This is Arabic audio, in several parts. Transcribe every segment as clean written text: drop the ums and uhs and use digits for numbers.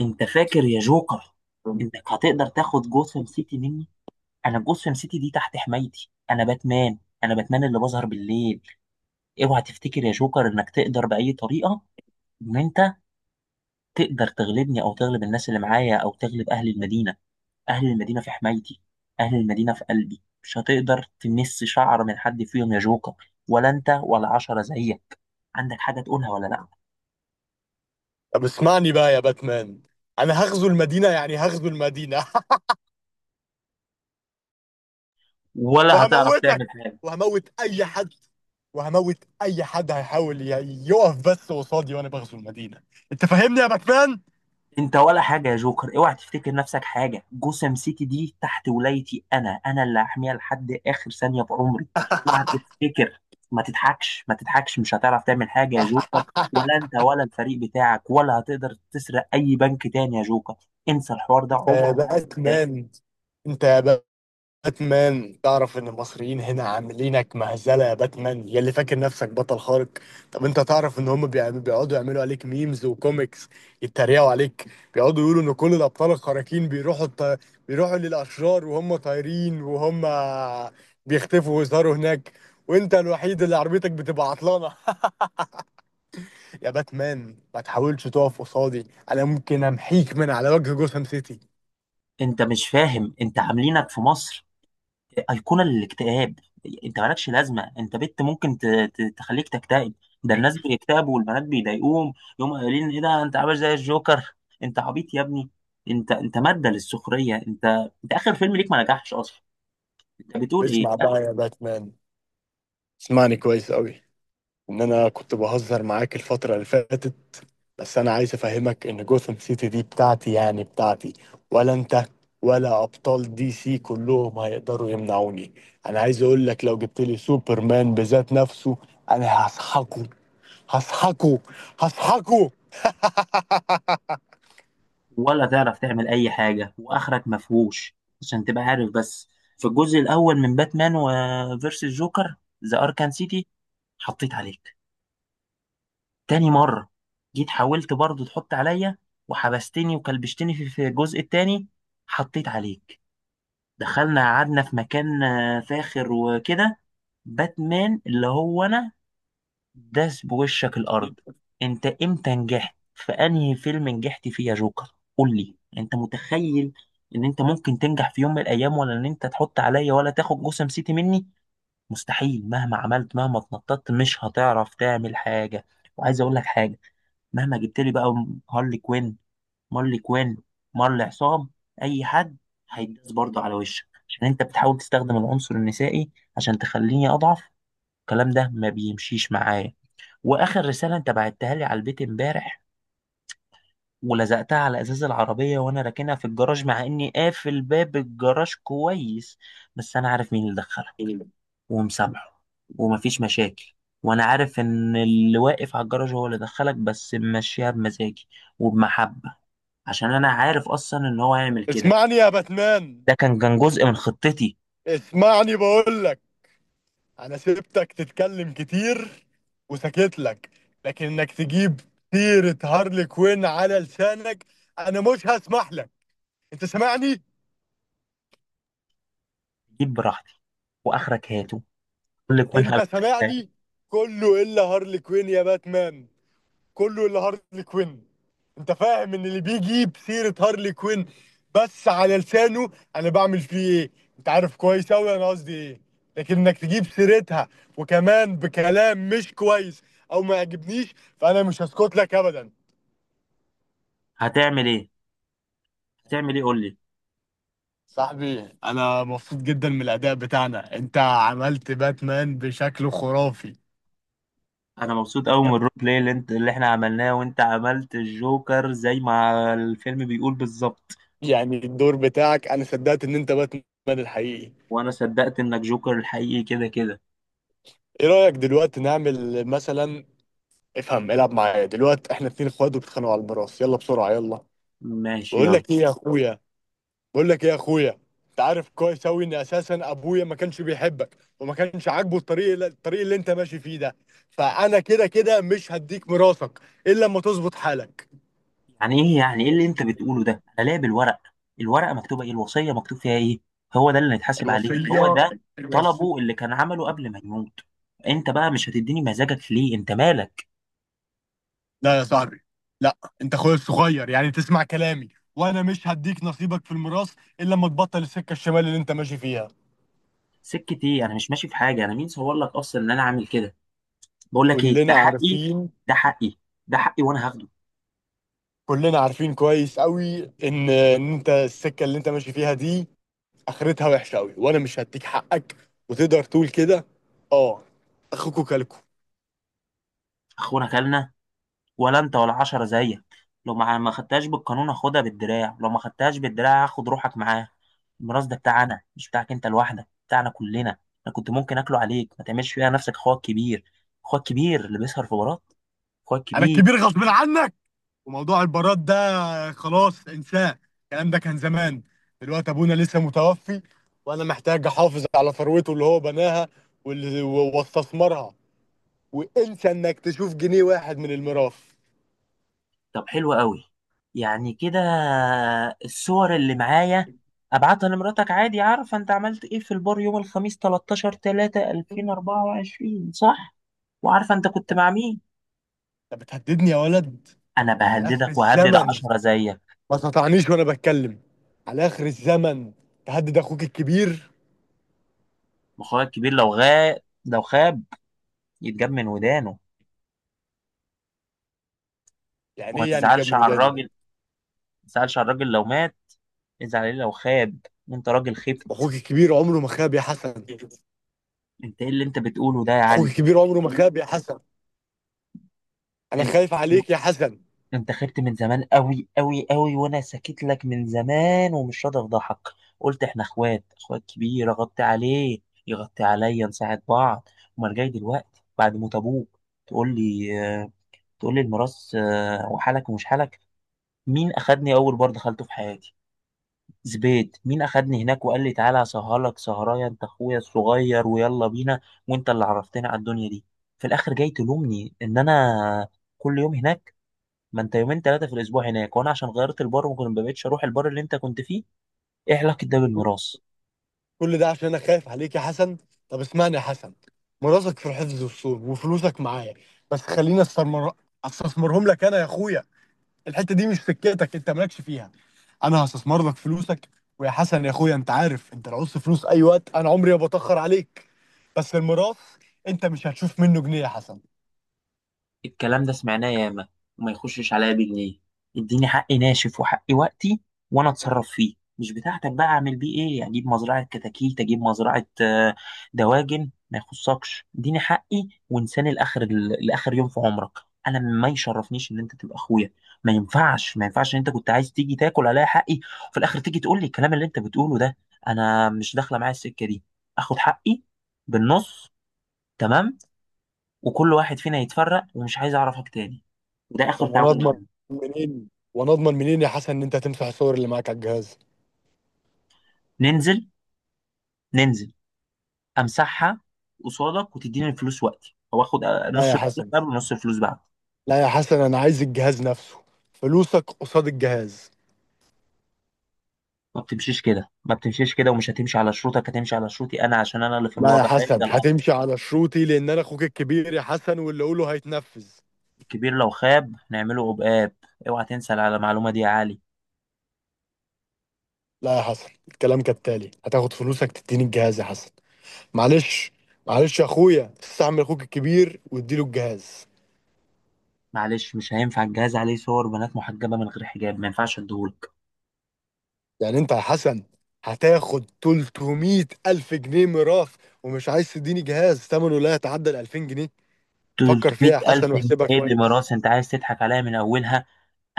انت فاكر يا جوكر طب، انك هتقدر تاخد جوثام سيتي مني. انا جوثام سيتي دي تحت حمايتي، انا باتمان. انا باتمان اللي بظهر بالليل. اوعى تفتكر يا جوكر انك تقدر باي طريقه ان انت تقدر تغلبني او تغلب الناس اللي معايا او تغلب اهل المدينه. اهل المدينه في حمايتي، اهل المدينه في قلبي، مش هتقدر تمس شعر من حد فيهم يا جوكر، ولا انت ولا عشرة زيك. عندك حاجه تقولها ولا لا؟ اسمعني بقى يا باتمان. انا هغزو المدينه، يعني هغزو المدينه. ولا هتعرف وهموتك، تعمل حاجه. وهموت اي حد، وهموت اي حد هيحاول يقف بس قصادي وانا بغزو المدينه. انت فاهمني يا باتمان؟ انت ولا حاجه يا جوكر، اوعى تفتكر نفسك حاجه، جوسم سيتي دي تحت ولايتي، انا انا اللي هحميها لحد اخر ثانيه في عمري. اوعى تفتكر. ما تضحكش ما تضحكش، مش هتعرف تعمل حاجه يا جوكر، ولا انت ولا الفريق بتاعك، ولا هتقدر تسرق اي بنك تاني يا جوكر. انسى الحوار ده، انت عمره يا ما هنسى تاني. باتمان، انت يا باتمان، تعرف ان المصريين هنا عاملينك مهزله يا باتمان، يا اللي فاكر نفسك بطل خارق. طب انت تعرف ان هم بيقعدوا يعملوا عليك ميمز وكوميكس، يتريقوا عليك؟ بيقعدوا يقولوا ان كل الابطال الخارقين بيروحوا للاشرار وهم طايرين، وهم بيختفوا ويظهروا هناك. وانت الوحيد اللي عربيتك بتبقى عطلانه. يا باتمان، ما تحاولش تقف قصادي، انا ممكن امحيك من على وجه جوثام سيتي. انت مش فاهم، انت عاملينك في مصر أيقونة للاكتئاب. أنت مالكش لازمة، أنت بنت ممكن تخليك تكتئب. ده الناس بيكتئبوا والبنات بيضايقوهم، يقوموا قايلين إيه ده، أنت عامل زي الجوكر. أنت عبيط يا ابني. أنت مادة للسخرية. أنت أنت آخر فيلم ليك ما نجحش أصلا. أنت بتقول إيه؟ اسمع بقى يا باتمان، اسمعني كويس قوي، ان انا كنت بهزر معاك الفترة اللي فاتت. بس انا عايز افهمك ان جوثام سيتي دي بتاعتي، يعني بتاعتي. ولا انت ولا ابطال دي سي كلهم هيقدروا يمنعوني. انا عايز اقول لك، لو جبت لي سوبرمان بذات نفسه، انا هسحقه، هسحقه، هسحقه. ولا تعرف تعمل أي حاجة وآخرك مفهوش. عشان تبقى عارف بس، في الجزء الأول من باتمان وفيرسس جوكر، ذا أركان سيتي، حطيت عليك. تاني مرة جيت حاولت برضو تحط عليا وحبستني وكلبشتني. في الجزء التاني حطيت عليك. دخلنا قعدنا في مكان فاخر وكده. باتمان اللي هو انا داس بوشك الارض. انت امتى نجحت؟ في انهي فيلم نجحت فيه يا جوكر؟ قول لي، انت متخيل ان انت ممكن تنجح في يوم من الايام؟ ولا ان انت تحط عليا؟ ولا تاخد جسم سيتي مني؟ مستحيل، مهما عملت، مهما اتنططت، مش هتعرف تعمل حاجة. وعايز اقول لك حاجة، مهما جبت لي بقى هارلي كوين، مارلي كوين، مارلي عصام، اي حد، هيداس برضه على وشك. عشان انت بتحاول تستخدم العنصر النسائي عشان تخليني اضعف، الكلام ده ما بيمشيش معايا. واخر رساله انت بعتها لي على البيت امبارح ولزقتها على ازاز العربيه وانا راكنها في الجراج، مع اني قافل باب الجراج كويس، بس انا عارف مين اللي دخلها، ومسامحه ومفيش مشاكل. وانا عارف ان اللي واقف على الجراج هو اللي دخلك، بس ماشيها بمزاجي وبمحبه، عشان انا عارف اصلا ان هو هيعمل كده. اسمعني يا باتمان، ده كان جزء من خطتي. اسمعني بقول لك. انا سيبتك تتكلم كتير وسكت لك، لكن انك تجيب سيرة هارلي كوين على لسانك، انا مش هسمح لك. انت سامعني؟ جيب براحتي، واخرك هاته. قول لي انت سامعني؟ كله الا هارلي كوين يا باتمان، كله الا هارلي كوين. انت فاهم ان اللي بيجيب سيرة هارلي كوين بس على لسانه، انا بعمل فيه ايه؟ انت عارف كويس اوي انا قصدي ايه. لكن انك تجيب سيرتها، وكمان بكلام مش كويس او ما يعجبنيش، فانا مش هسكت لك ابدا. هتعمل ايه؟ هتعمل ايه؟ قول لي. صاحبي، انا مبسوط جدا من الاداء بتاعنا، انت عملت باتمان بشكل خرافي. انا مبسوط قوي من الرول بلاي اللي احنا عملناه، وانت عملت الجوكر زي ما الفيلم بيقول بالظبط. يعني الدور بتاعك انا صدقت ان انت باتمان الحقيقي. وانا صدقت انك جوكر الحقيقي، كده كده. ايه رايك دلوقتي نعمل مثلا؟ افهم، العب معايا دلوقتي، احنا اتنين اخوات وبيتخانقوا على البراس، يلا بسرعه يلا. ماشي، بقول يلا. لك ايه يا اخويا؟ بقول لك ايه يا اخويا؟ انت عارف كويس اوي ان اساسا ابويا ما كانش بيحبك، وما كانش عاجبه الطريق اللي انت ماشي فيه ده. فانا كده كده مش هديك ميراثك الا لما تظبط حالك. يعني ايه؟ يعني ايه اللي انت بتقوله ده؟ انا ليا بالورق، الورقه مكتوبه ايه؟ الوصيه مكتوب فيها ايه؟ هو ده اللي هيتحاسب عليه، هو الوصية، ده الوصية. طلبه اللي كان عمله قبل ما يموت. انت بقى مش هتديني مزاجك؟ ليه، انت مالك؟ لا يا صاحبي، لا انت اخويا الصغير يعني تسمع كلامي. وانا مش هديك نصيبك في الميراث الا لما تبطل السكة الشمال اللي انت ماشي فيها. سكة ايه؟ انا مش ماشي في حاجه، انا مين صور لك اصلا ان انا عامل كده؟ بقول لك ايه، ده كلنا حقي، عارفين. ده حقي، ده حقي وانا هاخده. كلنا عارفين كويس قوي ان انت السكة اللي انت ماشي فيها دي اخرتها وحشة قوي، وانا مش هديك حقك. وتقدر تقول كده، اه، اخوكوا كلكوا. اخونا كلنا، ولا انت ولا عشرة زيك. لو ما خدتهاش بالقانون هاخدها بالدراع، لو ما خدتهاش بالدراع هاخد روحك معاه. الميراث ده بتاعنا، مش بتاعك انت لوحدك، بتاعنا كلنا. انا كنت ممكن اكله عليك، ما تعملش فيها نفسك اخوك كبير. اخوك كبير اللي بيسهر في بارات. اخوك انا كبير. الكبير غصب عنك، وموضوع البارات ده خلاص انساه. الكلام ده كان زمان، دلوقتي ابونا لسه متوفي، وانا محتاج احافظ على ثروته اللي هو بناها واللي واستثمرها. وانسى انك تشوف جنيه واحد من الميراث. طب حلو قوي، يعني كده؟ الصور اللي معايا ابعتها لمراتك عادي، عارفه انت عملت ايه في البار يوم الخميس 13 3 2024، صح؟ وعارفه انت كنت مع مين. انت بتهددني يا ولد؟ انا على اخر بهددك وهدد الزمن، عشرة زيك. ما تقطعنيش وانا بتكلم، على اخر الزمن تهدد اخوك الكبير؟ واخويا الكبير لو غاب لو خاب يتجاب من ودانه. يعني وما ايه، يعني تجاب تزعلش من على ودانه؟ الراجل، ما تزعلش على الراجل لو مات، ازعل عليه لو خاب، انت راجل خبت. اخوك الكبير عمره ما خاب يا حسن، انت ايه اللي انت بتقوله ده يا اخوك علي؟ الكبير عمره ما خاب يا حسن. انا انت خايف عليك يا حسن، انت خبت من زمان قوي قوي قوي، وانا ساكت لك من زمان ومش راضي افضحك. قلت احنا اخوات، اخوات كبير اغطي عليه يغطي عليا، نساعد بعض. امال جاي دلوقتي بعد موت ابوك تقول لي تقول لي الميراث وحالك ومش حالك؟ مين اخدني اول بار دخلته في حياتي؟ زبيت! مين اخدني هناك وقال لي تعالى اسهرلك سهرايه، انت اخويا الصغير ويلا بينا؟ وانت اللي عرفتني على الدنيا دي. في الاخر جاي تلومني ان انا كل يوم هناك؟ ما انت يومين ثلاثه في الاسبوع هناك، وانا عشان غيرت البار ما بقتش اروح البار اللي انت كنت فيه. ايه علاقه ده بالميراث؟ كل ده عشان انا خايف عليك يا حسن. طب اسمعني يا حسن، مراتك في الحفظ والصون، وفلوسك معايا، بس خليني استثمر، استثمرهم لك انا يا اخويا. الحته دي مش سكتك، انت مالكش فيها. انا هستثمر لك فلوسك. ويا حسن يا اخويا، انت عارف انت لو عوزت فلوس اي وقت انا عمري ما بتاخر عليك. بس الميراث، انت مش هتشوف منه جنيه يا حسن. الكلام ده سمعناه ياما، وما يخشش عليا بجنيه. اديني حقي ناشف، وحقي وقتي، وانا اتصرف فيه، مش بتاعتك. بقى اعمل بيه ايه؟ اجيب مزرعه كتاكيت، اجيب مزرعه دواجن، ما يخصكش. اديني حقي وانساني لاخر، لاخر يوم في عمرك. انا ما يشرفنيش ان انت تبقى اخويا. ما ينفعش ما ينفعش ان انت كنت عايز تيجي تاكل عليا حقي، وفي الاخر تيجي تقول لي الكلام اللي انت بتقوله ده. انا مش داخله معايا السكه دي. اخد حقي بالنص، تمام، وكل واحد فينا يتفرق، ومش عايز اعرفك تاني، ده اخر طب تعامل وانا اضمن معانا. منين، وانا اضمن منين يا حسن، ان انت هتمسح الصور اللي معاك على الجهاز؟ ننزل، ننزل امسحها قصادك وتديني الفلوس وقتي، او اخد لا يا نص الفلوس حسن، قبل ونص الفلوس بعد. لا يا حسن، انا عايز الجهاز نفسه. فلوسك قصاد الجهاز. ما بتمشيش كده ما بتمشيش كده، ومش هتمشي على شروطك، هتمشي على شروطي انا، عشان انا اللي في لا يا الوضع ده، حسن، ده الامر. هتمشي على شروطي لان انا اخوك الكبير يا حسن واللي اقوله هيتنفذ. الكبير لو خاب نعمله عقاب، اوعى تنسى على المعلومه دي يا علي. لا يا حسن، الكلام كالتالي، هتاخد فلوسك تديني الجهاز يا حسن. معلش، معلش يا اخويا، استعمل اخوك الكبير واديله الجهاز. معلش، مش هينفع، الجهاز عليه صور بنات محجبه من غير حجاب، ما ينفعش اديهولك. يعني انت يا حسن هتاخد 300 الف جنيه ميراث، ومش عايز تديني جهاز ثمنه لا يتعدى ال 2000 جنيه؟ فكر فيها يا 300000 حسن جنيه واحسبها اللي كويس. ميراث، انت عايز تضحك عليا من اولها؟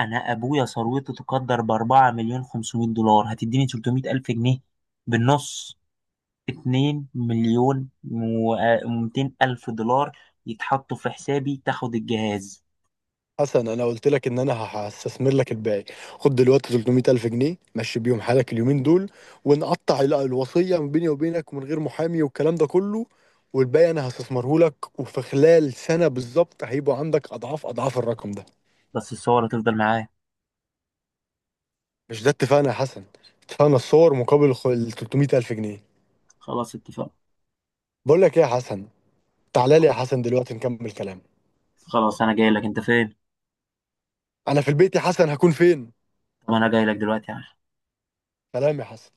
انا ابويا ثروته تقدر باربعة مليون خمسمائة دولار، هتديني 300 الف جنيه بالنص؟ 2 مليون و200 الف دولار يتحطوا في حسابي، تاخد الجهاز. حسن، انا قلت لك ان انا هستثمر لك الباقي. خد دلوقتي 300 الف جنيه، مشي بيهم حالك اليومين دول، ونقطع الوصيه من بيني وبينك ومن غير محامي والكلام ده كله. والباقي انا هستثمره لك، وفي خلال سنه بالظبط هيبقوا عندك اضعاف اضعاف الرقم ده. بس الصورة تفضل معايا. مش ده اتفقنا يا حسن؟ اتفقنا الصور مقابل ال 300 الف جنيه. خلاص، اتفقنا. بقول لك ايه يا حسن؟ تعالى لي يا حسن دلوقتي نكمل كلام. خلاص انا جاي لك، انت فين؟ انا في البيت يا حسن، هكون فين؟ طب انا جاي لك دلوقتي يا عم. سلام يا حسن.